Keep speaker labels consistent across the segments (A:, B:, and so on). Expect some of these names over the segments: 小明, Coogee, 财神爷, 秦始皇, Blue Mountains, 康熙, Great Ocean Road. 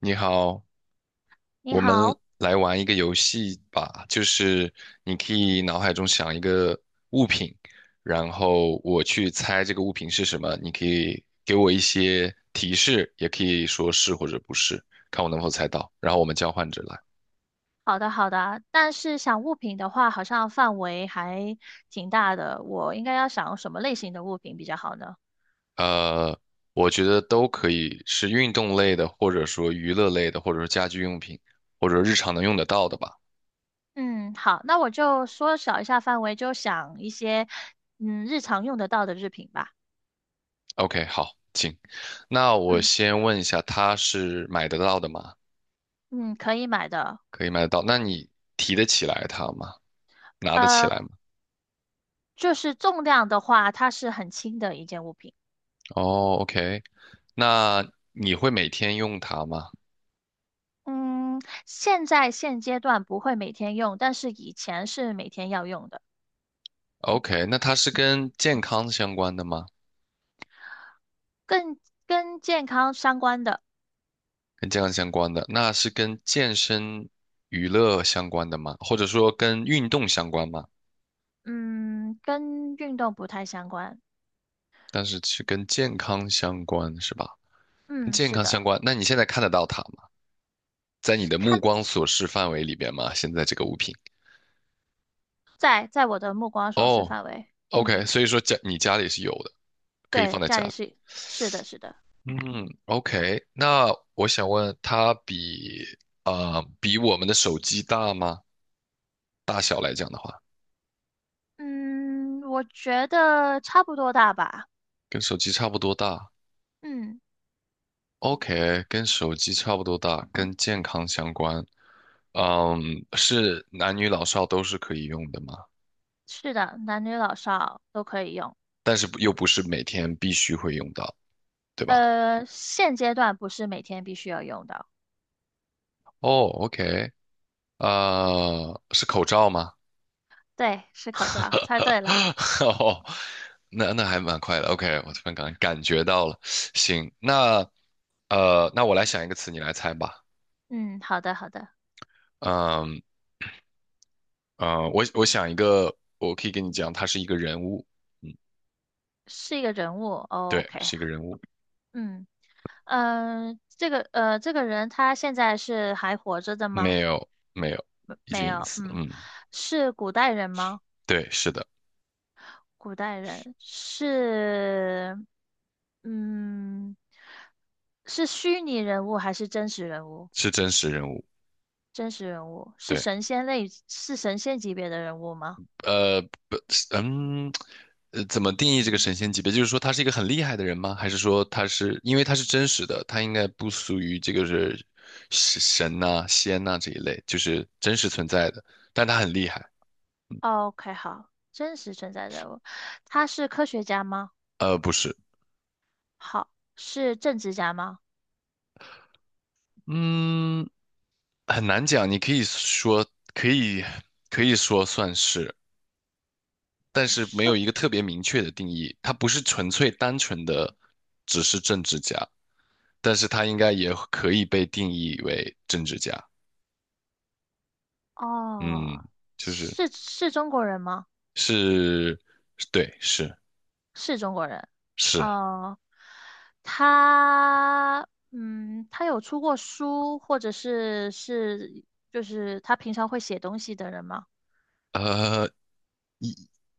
A: 你好，
B: 你
A: 我们
B: 好。
A: 来玩一个游戏吧，就是你可以脑海中想一个物品，然后我去猜这个物品是什么，你可以给我一些提示，也可以说是或者不是，看我能否猜到，然后我们交换着来。
B: 好的好的，但是想物品的话，好像范围还挺大的，我应该要想什么类型的物品比较好呢？
A: 呃，我觉得都可以，是运动类的，或者说娱乐类的，或者说家居用品，或者日常能用得到的吧。
B: 嗯，好，那我就缩小一下范围，就想一些日常用得到的日品吧。
A: OK，好，请。那我
B: 嗯
A: 先问一下，它是买得到的吗？
B: 嗯，可以买的。
A: 可以买得到。那你提得起来它吗？拿得起
B: 呃，
A: 来吗？
B: 就是重量的话，它是很轻的一件物品。
A: 哦，OK，那你会每天用它吗
B: 嗯，现阶段不会每天用，但是以前是每天要用的。
A: ？OK，那它是跟健康相关的吗？
B: 更跟健康相关的。
A: 跟健康相关的，那是跟健身、娱乐相关的吗？或者说跟运动相关吗？
B: 嗯，跟运动不太相关。
A: 但是是跟健康相关是吧？跟
B: 嗯，
A: 健
B: 是
A: 康相
B: 的。
A: 关，那你现在看得到它吗？在你的目
B: 看
A: 光所视范围里边吗？现在这个物品？
B: 在我的目光所视
A: 哦
B: 范围。
A: ，OK，
B: 嗯，
A: 所以说家你家里是有的，可以放
B: 对，
A: 在
B: 家
A: 家
B: 里
A: 里。
B: 是是的。
A: 嗯，OK，那我想问，它比比我们的手机大吗？大小来讲的话，
B: 嗯，我觉得差不多大吧。
A: 跟手机差不多大。
B: 嗯，
A: OK，跟手机差不多大，跟健康相关。嗯，是男女老少都是可以用的吗？
B: 是的，男女老少都可以用。
A: 但是不又不是每天必须会用到，对吧？
B: 现阶段不是每天必须要用到。
A: 哦，OK，是口罩吗？
B: 对，是口 罩，猜对了。
A: 哦，那那还蛮快的。OK，我突然感觉到了。行，那那我来想一个词，你来猜吧。
B: 嗯，好的，好的。
A: 嗯我想一个，我可以跟你讲，他是一个人物，
B: 是一个人物。哦，
A: 对，
B: OK。
A: 是一个人物，
B: 嗯这个人他现在是还活着的吗？
A: 没有没有，
B: 没
A: 已经
B: 没
A: 隐
B: 有，
A: 私了，
B: 嗯。
A: 嗯，
B: 是古代人吗？
A: 对，是的，
B: 古代人是。嗯，是虚拟人物还是真实人物？
A: 是真实人物，
B: 真实人物是
A: 对，
B: 神仙类，是神仙级别的人物吗
A: 呃，不，嗯，怎么定义这个神仙级别？就是说他是一个很厉害的人吗？还是说他是因为他是真实的，他应该不属于这个是神呐、仙呐、这一类，就是真实存在的，但他很厉害。
B: ？OK，好，真实存在人物。他是科学家吗？
A: 不是，
B: 好，是政治家吗？
A: 嗯。很难讲，你可以说可以可以说算是，但是没有
B: 是。
A: 一个特别明确的定义。他不是纯粹单纯的只是政治家，但是他应该也可以被定义为政治家。嗯，
B: 哦，
A: 就是
B: 是是中国人吗？
A: 是，对，是
B: 是中国人。
A: 是，
B: 呃，他，他有出过书，或者是就是他平常会写东西的人吗？
A: 呃，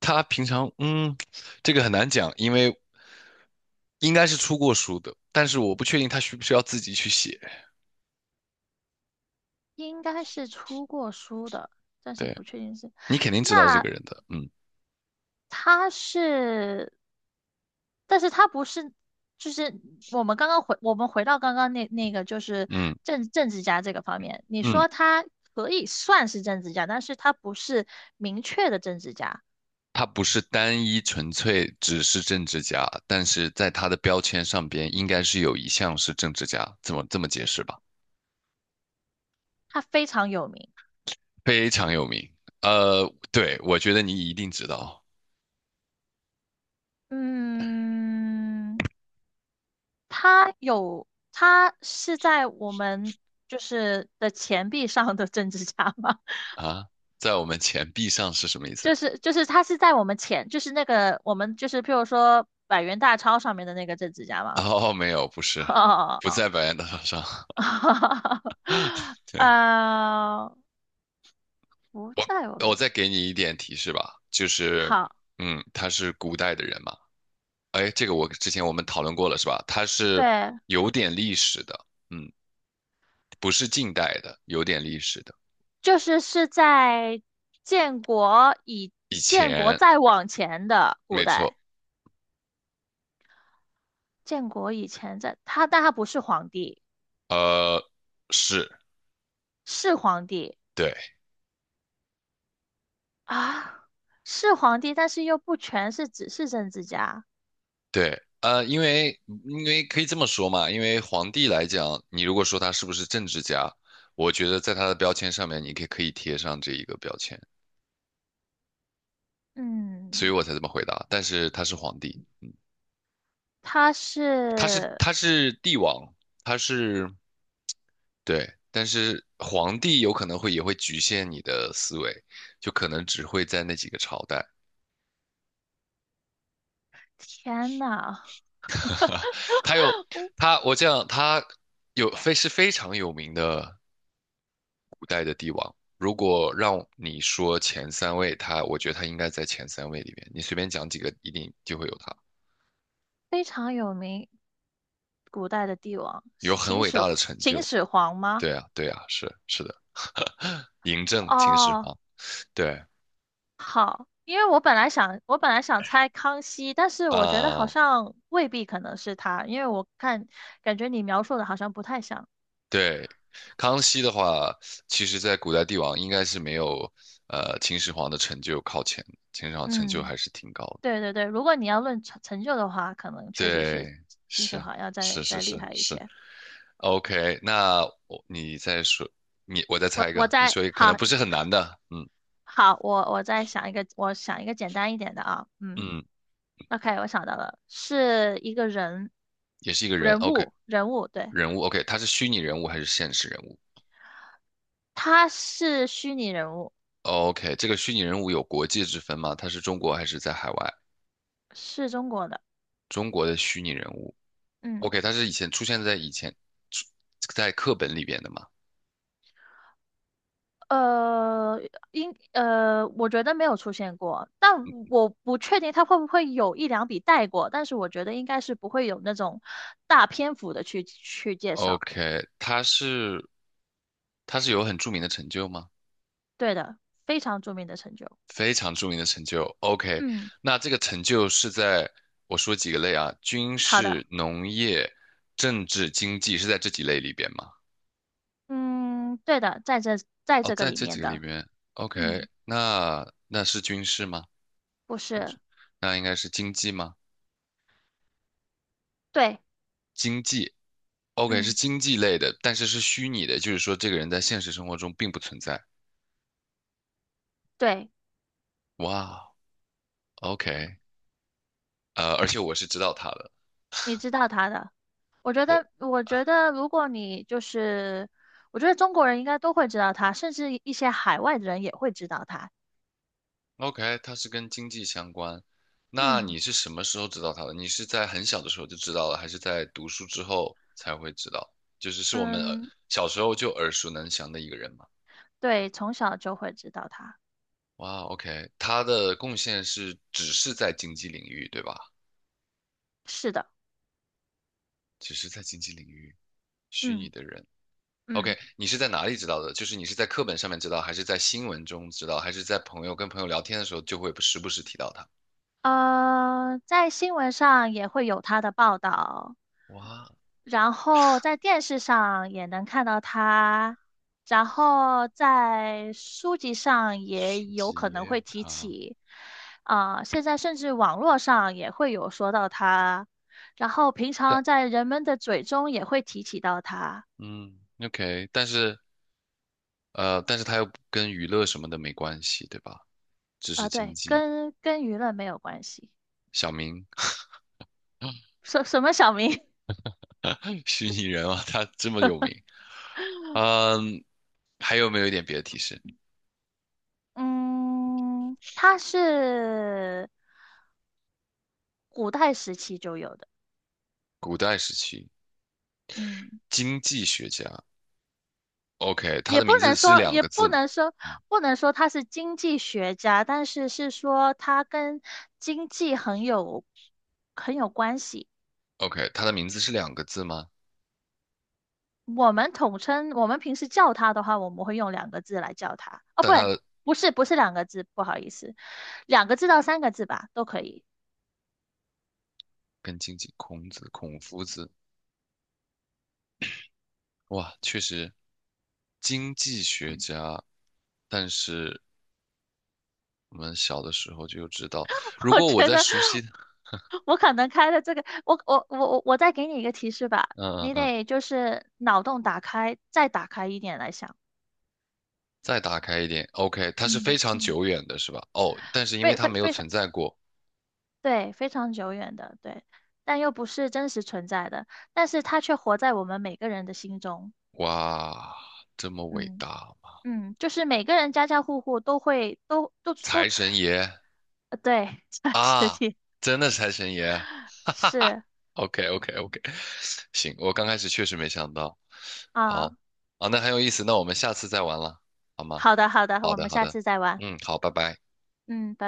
A: 他平常这个很难讲，因为应该是出过书的，但是我不确定他需不需要自己去写。
B: 应该是出过书的，但是
A: 对，
B: 不确定是。
A: 你肯定知道这
B: 那
A: 个人的，
B: 他是，但是他不是，就是我们回到刚刚那个就是
A: 嗯
B: 政治家这个方面，你
A: 嗯。
B: 说他可以算是政治家，但是他不是明确的政治家。
A: 他不是单一纯粹只是政治家，但是在他的标签上边应该是有一项是政治家，这么这么解释吧？
B: 他非常有名。
A: 非常有名。对，我觉得你一定知道
B: 嗯，他有，他是在我们就是的钱币上的政治家吗？
A: 啊，在我们钱币上是什么意思？
B: 就是他是在我们钱，就是那个我们就是譬如说百元大钞上面的那个政治家吗？
A: 哦，没有，不 是，
B: 哦
A: 不
B: 哦
A: 在白洋淀上。
B: 哦，
A: 对，
B: 呃，不在我
A: 我
B: 们。
A: 再给你一点提示吧，就是，
B: 好，
A: 嗯，他是古代的人嘛。哎，这个我之前我们讨论过了是吧？他是
B: 对，
A: 有点历史的。嗯。不是近代的，有点历史的。
B: 就是是在建国以
A: 以
B: 建国
A: 前，
B: 再往前的古
A: 没错，
B: 代，建国以前在他，但他不是皇帝。
A: 呃，是，
B: 是皇帝
A: 对
B: 啊，是皇帝，但是又不全是只是政治家。
A: 对，因为因为可以这么说嘛，因为皇帝来讲，你如果说他是不是政治家，我觉得在他的标签上面，你可以贴上这一个标签，所以
B: 嗯，
A: 我才这么回答。但是他是皇帝，
B: 他是，
A: 他是帝王，他是对，但是皇帝有可能会也会局限你的思维，就可能只会在那几个朝代。
B: 天呐，
A: 他有他，我这样，他有非常有名的古代的帝王。如果让你说前三位，他我觉得他应该在前三位里面。你随便讲几个，一定就会有他，
B: 非常有名，古代的帝王。
A: 有很
B: 秦
A: 伟
B: 始
A: 大的成
B: 秦
A: 就。
B: 始皇吗？
A: 对啊，对啊，是是的，嬴政、秦始
B: 哦，
A: 皇，对
B: 好，因为我本来想猜康熙，但是我觉得好
A: 啊，
B: 像未必可能是他，因为感觉你描述的好像不太像。
A: 对。康熙的话，其实在古代帝王应该是没有秦始皇的成就靠前，秦始皇成就
B: 嗯。
A: 还是挺高的。
B: 对对对，如果你要论成就的话，可能确实
A: 对，
B: 是金秀
A: 是
B: 华要
A: 是
B: 再
A: 是
B: 再厉
A: 是
B: 害一
A: 是
B: 些。
A: ，OK，那我你再说，你我再
B: 我
A: 猜一
B: 我
A: 个，你
B: 再
A: 说一个可能
B: 好
A: 不是很难的，
B: 好，我再想一个，我想一个简单一点的啊。嗯
A: 嗯，
B: ，OK，我想到了，是一个
A: 也是一个人
B: 人
A: ，OK，
B: 物。人物，对。
A: 人物，OK，他是虚拟人物还是现实人物
B: 他是虚拟人物。
A: ？OK，这个虚拟人物有国界之分吗？他是中国还是在海外？
B: 是中国的。
A: 中国的虚拟人物
B: 嗯。
A: ，OK，他是以前出现在以前出在课本里边的吗
B: 呃，我觉得没有出现过，但我不确定他会不会有一两笔带过，但是我觉得应该是不会有那种大篇幅的去介绍。
A: ？OK，他是有很著名的成就吗？
B: 对的，非常著名的成就。
A: 非常著名的成就。OK，
B: 嗯，
A: 那这个成就是在我说几个类啊，军
B: 好的。
A: 事、农业、政治、经济是在这几类里边吗？
B: 嗯，对的，在在
A: 哦，
B: 这个
A: 在
B: 里
A: 这几
B: 面
A: 个里
B: 的。
A: 边。OK，
B: 嗯，
A: 那那是军事吗？
B: 不是。
A: 那应该是经济吗？
B: 对。
A: 经济，OK，是
B: 嗯，
A: 经济类的，但是是虚拟的，就是说这个人在现实生活中并不存在。
B: 对。
A: 哇，OK，而且我是知道他的，
B: 你知道他的。我觉
A: 我。
B: 得，我觉得如果你就是，我觉得中国人应该都会知道他，甚至一些海外的人也会知道他。
A: OK，它是跟经济相关。那
B: 嗯。
A: 你是什么时候知道它的？你是在很小的时候就知道了，还是在读书之后才会知道？就是是我们
B: 嗯，
A: 小时候就耳熟能详的一个人嘛。
B: 对，从小就会知道他。
A: 哇，OK，他的贡献是只是在经济领域，对吧？
B: 是的。
A: 只是在经济领域，虚拟
B: 嗯
A: 的人。
B: 嗯。
A: OK，你是在哪里知道的？就是你是在课本上面知道，还是在新闻中知道，还是在朋友跟朋友聊天的时候就会时不时提到他？
B: 呃，在新闻上也会有他的报道，
A: 哇，
B: 然后在电视上也能看到他，然后在书籍上也
A: 书
B: 有
A: 籍
B: 可
A: 也
B: 能会
A: 有
B: 提
A: 他。
B: 起，啊、现在甚至网络上也会有说到他，然后平常在人们的嘴中也会提起到他。
A: 嗯，OK，但是但是它又跟娱乐什么的没关系，对吧？只是
B: 啊、
A: 经
B: 对，
A: 济。
B: 跟跟舆论没有关系。
A: 小明，
B: 什么小明？
A: 虚拟人啊，他这么有名。嗯，还有没有一点别的提示？
B: 嗯，他是古代时期就有的。
A: 古代时期
B: 嗯，
A: 经济学家，OK，他
B: 也
A: 的
B: 不
A: 名
B: 能
A: 字是
B: 说，
A: 两
B: 也
A: 个字
B: 不
A: 吗
B: 能说，不能说他是经济学家，但是是说他跟经济很有关系。
A: ？OK，他的名字是两个字吗？
B: 我们统称，我们平时叫他的话，我们会用两个字来叫他。哦，
A: 但
B: 不
A: 他
B: 对，
A: 的
B: 不是，不是两个字，不好意思，两个字到三个字吧，都可以。
A: 跟经济，孔子、孔夫子，哇，确实经济学家，但是我们小的时候就知道，如
B: 我
A: 果我
B: 觉
A: 在
B: 得
A: 熟悉，
B: 我可能开的这个，我再给你一个提示吧，
A: 嗯嗯
B: 你
A: 嗯，
B: 得就是脑洞打开，再打开一点来想。
A: 再打开一点，OK，它是非
B: 嗯
A: 常
B: 嗯，
A: 久远的，是吧？哦，但是因为它没有
B: 非常
A: 存在过，
B: 对，非常久远的，对，但又不是真实存在的，但是它却活在我们每个人的心中。
A: 哇，这么伟
B: 嗯
A: 大吗？
B: 嗯，就是每个人家家户户都会都都
A: 财
B: 都。
A: 神爷
B: 呃对，这个事
A: 啊，
B: 情
A: 真的财神爷
B: 是
A: ，OK OK OK，行，我刚开始确实没想到，
B: 啊。
A: 好，啊，那很有意思，那我们下次再玩了，好吗？
B: 好的好的，
A: 好
B: 我
A: 的
B: 们
A: 好
B: 下
A: 的，
B: 次再玩。
A: 嗯，好，拜拜。
B: 嗯，拜拜。